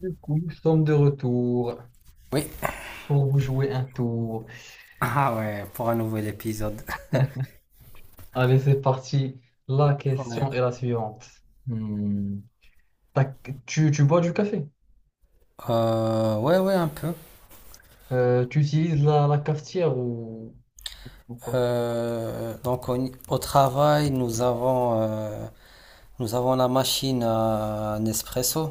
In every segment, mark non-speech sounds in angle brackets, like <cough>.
Du coup, nous sommes de retour Oui. pour vous jouer un tour. Ah ouais, pour un nouvel épisode. <laughs> Allez, c'est parti. La Ouais. question est la suivante. Hmm. T'as- tu bois du café? Ouais, ouais, un peu. Tu utilises la cafetière ou pas? Donc au travail, nous avons la machine à Nespresso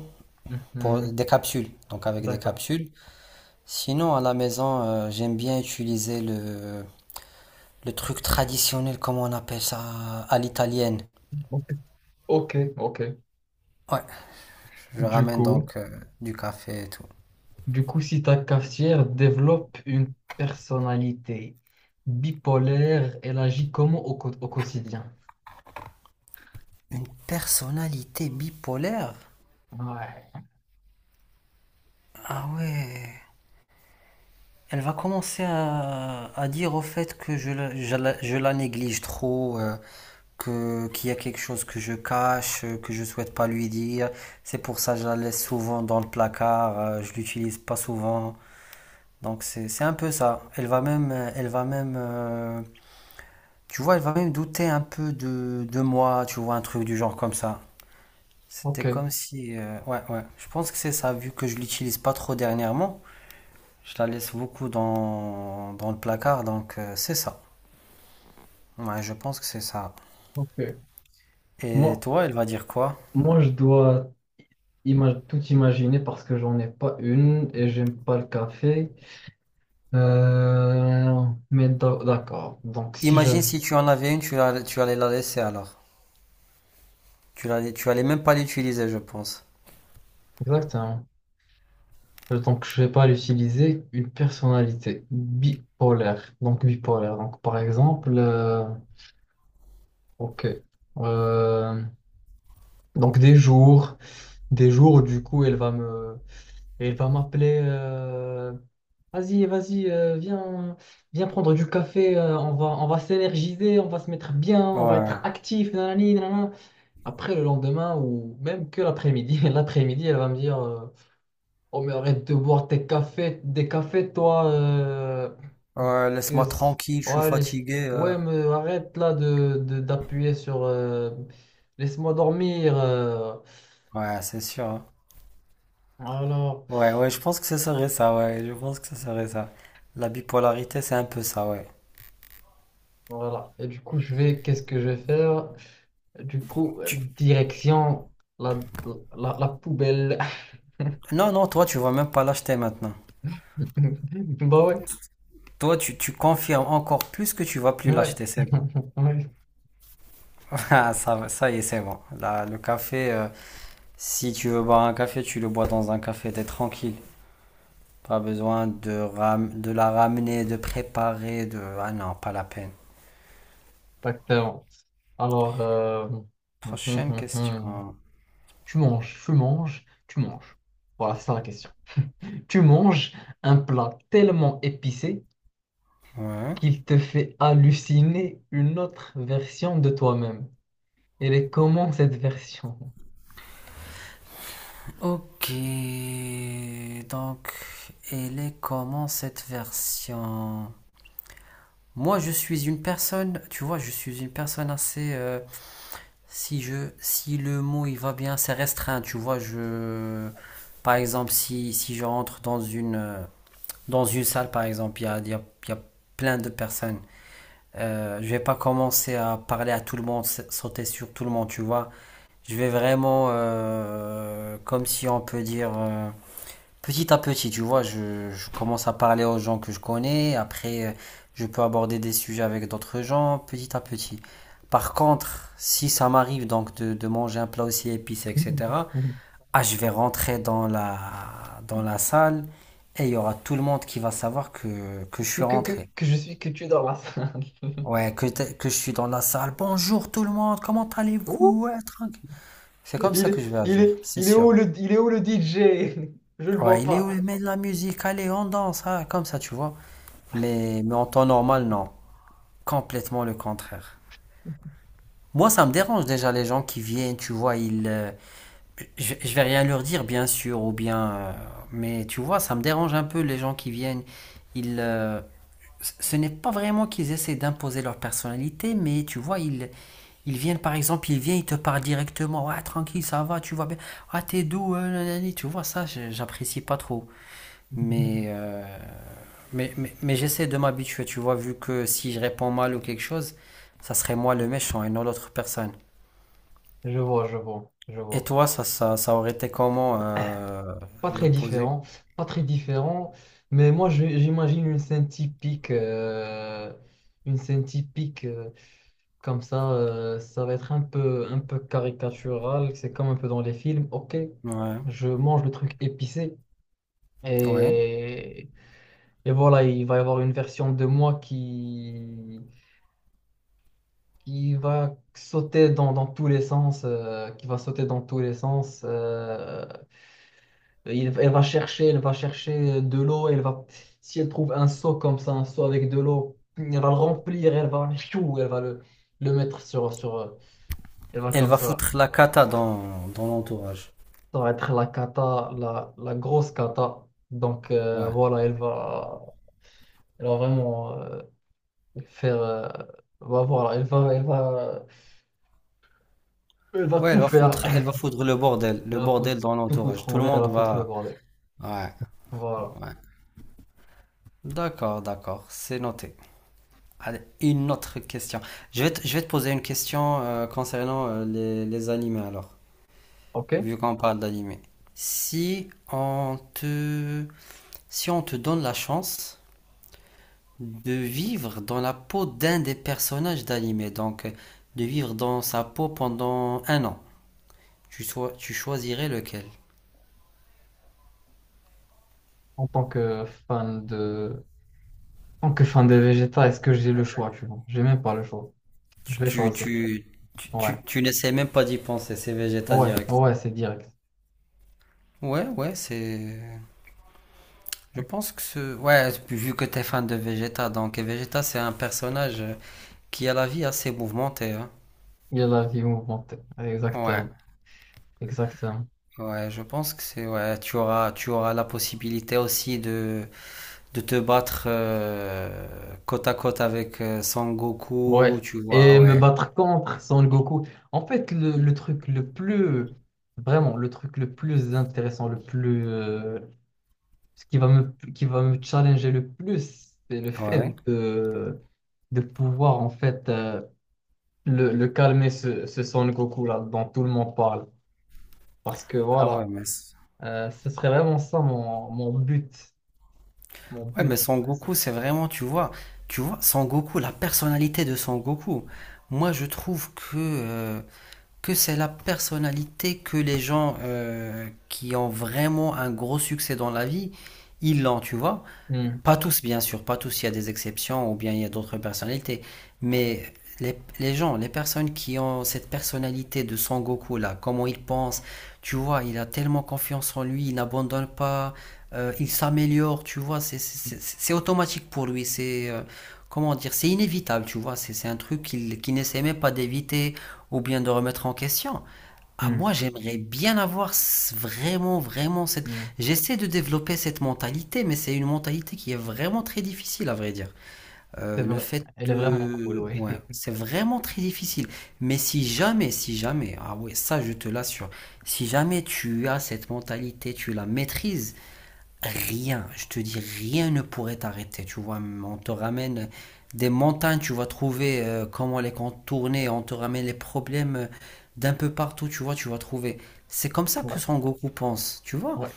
pour des Mhm. capsules, donc avec des D'accord. capsules. Sinon, à la maison, j'aime bien utiliser le truc traditionnel, comment on appelle ça, à l'italienne. Ok, ok. Ok. Ouais, je Du ramène coup, donc du café et tout. du coup, si ta cafetière développe une personnalité bipolaire, elle agit comment au, au quotidien? Une personnalité bipolaire? Ouais. Ah ouais. Elle va commencer à dire au fait que je la néglige trop, que, qu'il y a quelque chose que je cache, que je souhaite pas lui dire. C'est pour ça que je la laisse souvent dans le placard, je l'utilise pas souvent. Donc c'est un peu ça. Elle va même, tu vois, elle va même douter un peu de moi, tu vois, un truc du genre comme ça. Ok, C'était comme si, ouais, ouais. Je pense que c'est ça, vu que je l'utilise pas trop dernièrement. Je la laisse beaucoup dans, dans le placard, donc c'est ça. Ouais, je pense que c'est ça. ok. Et Moi, toi, elle va dire quoi? moi, je dois tout imaginer parce que j'en ai pas une et j'aime pas le café. Euh, mais d'accord. Donc si Imagine j'avais si tu en avais une, tu, tu allais la laisser alors. Tu allais même pas l'utiliser, je pense. exactement. Donc je vais pas l'utiliser. Une personnalité bipolaire. Donc bipolaire. Donc par exemple, ok. Euh, donc des jours où, du coup elle va me et il va m'appeler. Vas-y vas-y, viens, viens prendre du café. On va s'énergiser, on va se mettre bien, on va être Ouais. actif. Nanani, nanana. Après le lendemain ou même que l'après-midi, <laughs> l'après-midi, elle va me dire, oh mais arrête de boire tes cafés, des cafés, toi. Ouais, que laisse-moi c- tranquille, je suis ouais, fatigué. Ouais, mais arrête là de, d'appuyer sur laisse-moi dormir. Ouais, c'est sûr, hein. Voilà. Ouais, ouais, je pense que ce serait ça, ouais. Je pense que ce serait ça. La bipolarité, c'est un peu ça, ouais. Voilà et du coup je vais qu'est-ce que je vais faire. Du coup, Tu- direction la, la, la poubelle. Non, non, toi, tu vas même pas l'acheter maintenant. <laughs> Bah ouais, Toi, tu confirmes encore plus que tu vas plus ouais, l'acheter, c'est bon. <laughs> ouais, <laughs> Ah, ça y est, c'est bon. Là, le café, si tu veux boire un café, tu le bois dans un café, t'es tranquille. Pas besoin de, de la ramener, de préparer, de... Ah non, pas la peine. exactement. Alors, Prochaine <laughs> question. tu manges. Voilà, c'est ça la question. Tu manges un plat tellement épicé Ouais. qu'il te fait halluciner une autre version de toi-même. Elle est comment cette version? Ok, donc elle est comment cette version? Moi, je suis une personne, tu vois, je suis une personne assez, si je, si le mot il va bien, c'est restreint, tu vois, je, par exemple, si, si je rentre dans une salle, par exemple, il y a plein de personnes. Je vais pas commencer à parler à tout le monde, sauter sur tout le monde, tu vois. Je vais vraiment, comme si on peut dire, petit à petit, tu vois. Je commence à parler aux gens que je connais. Après, je peux aborder des sujets avec d'autres gens, petit à petit. Par contre, si ça m'arrive donc de manger un plat aussi épicé, <laughs> etc., ah, je vais rentrer dans la salle et il y aura tout le monde qui va savoir que je suis rentré. que je suis, que tu es dans la salle. Ouais, que je suis dans la salle. Bonjour tout le monde, comment <laughs> allez-vous? Ouais, tranquille. C'est comme ça Il, que je vais il agir, est, c'est il est sûr. où le, il est où le DJ? Je le vois Ouais, il est où le pas. mec de la musique? Allez, on danse, hein, comme ça, tu vois. Mais en temps normal, non. Complètement le contraire. Moi, ça me dérange déjà les gens qui viennent, tu vois, ils, je vais rien leur dire, bien sûr, ou bien, mais tu vois, ça me dérange un peu les gens qui viennent, ils, ce n'est pas vraiment qu'ils essaient d'imposer leur personnalité, mais tu vois, ils viennent par exemple, ils viennent, ils te parlent directement. Ouais, tranquille, ça va, tu vois bien. Ah, t'es doux, nanani, tu vois, ça, j'apprécie pas trop. Mais, euh, mais j'essaie de m'habituer, tu vois, vu que si je réponds mal ou quelque chose, ça serait moi le méchant et non l'autre personne. Je vois, je vois, je Et vois. toi, ça aurait été comment, Pas très l'opposé? différent, pas très différent. Mais moi, j'imagine une scène typique comme ça. Ça va être un peu caricatural. C'est comme un peu dans les films. Ok, Ouais, je mange le truc épicé ouais. et, et voilà, il va y avoir une version de moi qui va sauter dans, dans tous les sens, qui va sauter dans tous les sens. Elle va chercher de l'eau, elle va, si elle trouve un seau comme ça, un seau avec de l'eau, elle va le remplir, elle va, chou, elle va le mettre sur, sur, elle va Elle comme va ça. foutre la cata dans, dans l'entourage. Ça va être la cata, la grosse cata. Donc Ouais. voilà, elle va vraiment faire, voilà, elle va, elle va, elle va Ouais, elle tout va faire. foutre, elle va foudre Elle le va foutre, bordel dans tout l'entourage. foutre Tout en le l'air, elle monde va foutre le va. bordel. Ouais, Voilà. ouais. D'accord, d'accord, c'est noté. Allez, une autre question. Je vais te poser une question concernant les animés alors, OK. vu qu'on parle d'animés. Si on te, si on te donne la chance de vivre dans la peau d'un des personnages d'animé, donc de vivre dans sa peau pendant un an, tu choisirais lequel? En tant que fan de... En tant que fan de Vegeta, est-ce que j'ai le choix, tu vois? J'ai même pas le choix. Tu, Je vais tu, choisir. tu, Ouais. Tu n'essaies même pas d'y penser, c'est Vegeta Ouais. direct. Ouais, c'est direct. Ouais, ouais, c'est. Je pense que ce. Ouais, vu que t'es fan de Vegeta, donc et Vegeta, c'est un personnage qui a la vie assez mouvementée, hein. Il y a la vie mouvementée. Ouais, Exactement. Exactement. ouais, je pense que c'est. Ouais, tu auras la possibilité aussi de te battre côte à côte avec Son Goku, Ouais. tu vois, Et me ouais. battre contre Son Goku. En fait, le truc le plus... Vraiment, le truc le plus intéressant, le plus... ce qui va me challenger le plus, c'est le fait Ouais. De pouvoir, en fait... le calmer ce, ce Son Goku là dont tout le monde parle. Parce que Ah voilà, ouais, mais. Ce serait vraiment ça mon, mon but. Mon Ouais, mais but, ce Son serait ça. Goku, c'est vraiment, tu vois, Son Goku, la personnalité de Son Goku. Moi, je trouve que c'est la personnalité que les gens qui ont vraiment un gros succès dans la vie, ils l'ont, tu vois. Hmm, Pas tous, bien sûr, pas tous, il y a des exceptions ou bien il y a d'autres personnalités. Mais les gens, les personnes qui ont cette personnalité de Son Goku là, comment il pense, tu vois, il a tellement confiance en lui, il n'abandonne pas, il s'améliore, tu vois, c'est automatique pour lui, c'est comment dire, c'est inévitable, tu vois, c'est un truc qu'il n'essaie même pas d'éviter ou bien de remettre en question. Ah, hmm, moi, j'aimerais bien avoir vraiment, vraiment cette... hmm. J'essaie de développer cette mentalité, mais c'est une mentalité qui est vraiment très difficile, à vrai dire. C'est Le vrai. fait Elle est vraiment cool, de... oui. Ouais, <laughs> c'est vraiment très difficile. Mais si jamais, si jamais, ah ouais, ça, je te l'assure, si jamais tu as cette mentalité, tu la maîtrises, rien, je te dis, rien ne pourrait t'arrêter, tu vois. On te ramène des montagnes, tu vas trouver comment les contourner, on te ramène les problèmes d'un peu partout, tu vois, tu vas trouver. C'est comme ça que Ouais, Son Goku pense, tu vois. ouais,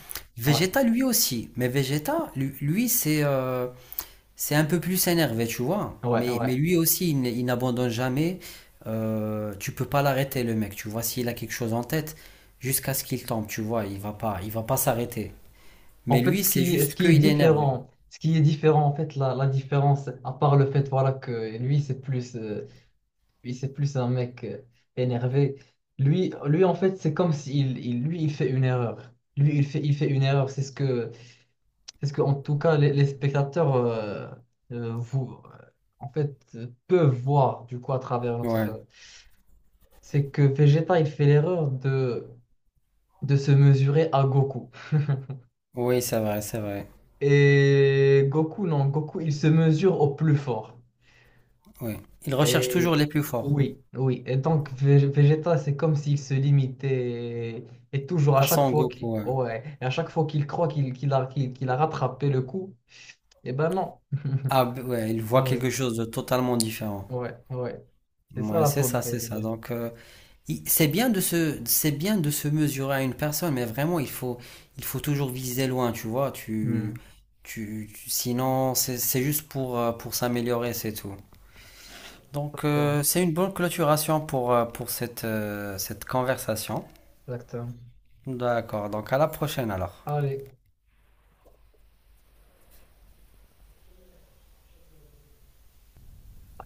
ouais, Vegeta lui aussi, mais Vegeta, lui, c'est un peu plus énervé, tu vois. ouais, ouais. Mais lui aussi, il n'abandonne jamais. Tu peux pas l'arrêter, le mec, tu vois. S'il a quelque chose en tête, jusqu'à ce qu'il tombe, tu vois, il va pas s'arrêter. Mais En fait, lui, c'est ce juste qui est qu'il est énervé. différent, ce qui est différent, en fait, la différence, à part le fait, voilà, que lui, c'est plus un mec énervé. Lui, en fait, c'est comme s'il, il, lui, il fait une erreur. Lui, il fait une erreur. C'est ce que, c'est ce que, en tout cas, les spectateurs vous, en fait, peuvent voir du coup à travers Ouais. notre. C'est que Vegeta, il fait l'erreur de se mesurer à Goku. Oui, c'est vrai, c'est vrai. Et Goku, non, Goku, il se mesure au plus fort. Oui. Il recherche toujours Et les plus forts. oui, oui. Et donc, Vegeta, c'est comme s'il se limitait. Et toujours, à À chaque Son fois qu'il Goku, ouais. ouais. Et à chaque fois qu'il croit qu'il, qu'il a rattrapé le coup, eh ben non. Ah, ouais, il voit Ah quelque ouais, chose de totalement différent. ouais, ouais. C'est ça Ouais, la c'est faute ça, c'est de ça. Donc, Vegeta. C'est bien de se, c'est bien de se mesurer à une personne, mais vraiment, il faut toujours viser loin, tu vois. Hmm. Sinon, c'est juste pour s'améliorer, c'est tout. Donc, Exactement. c'est une bonne clôturation pour cette, cette conversation. Exactement. D'accord. Donc, à la prochaine alors. Allez.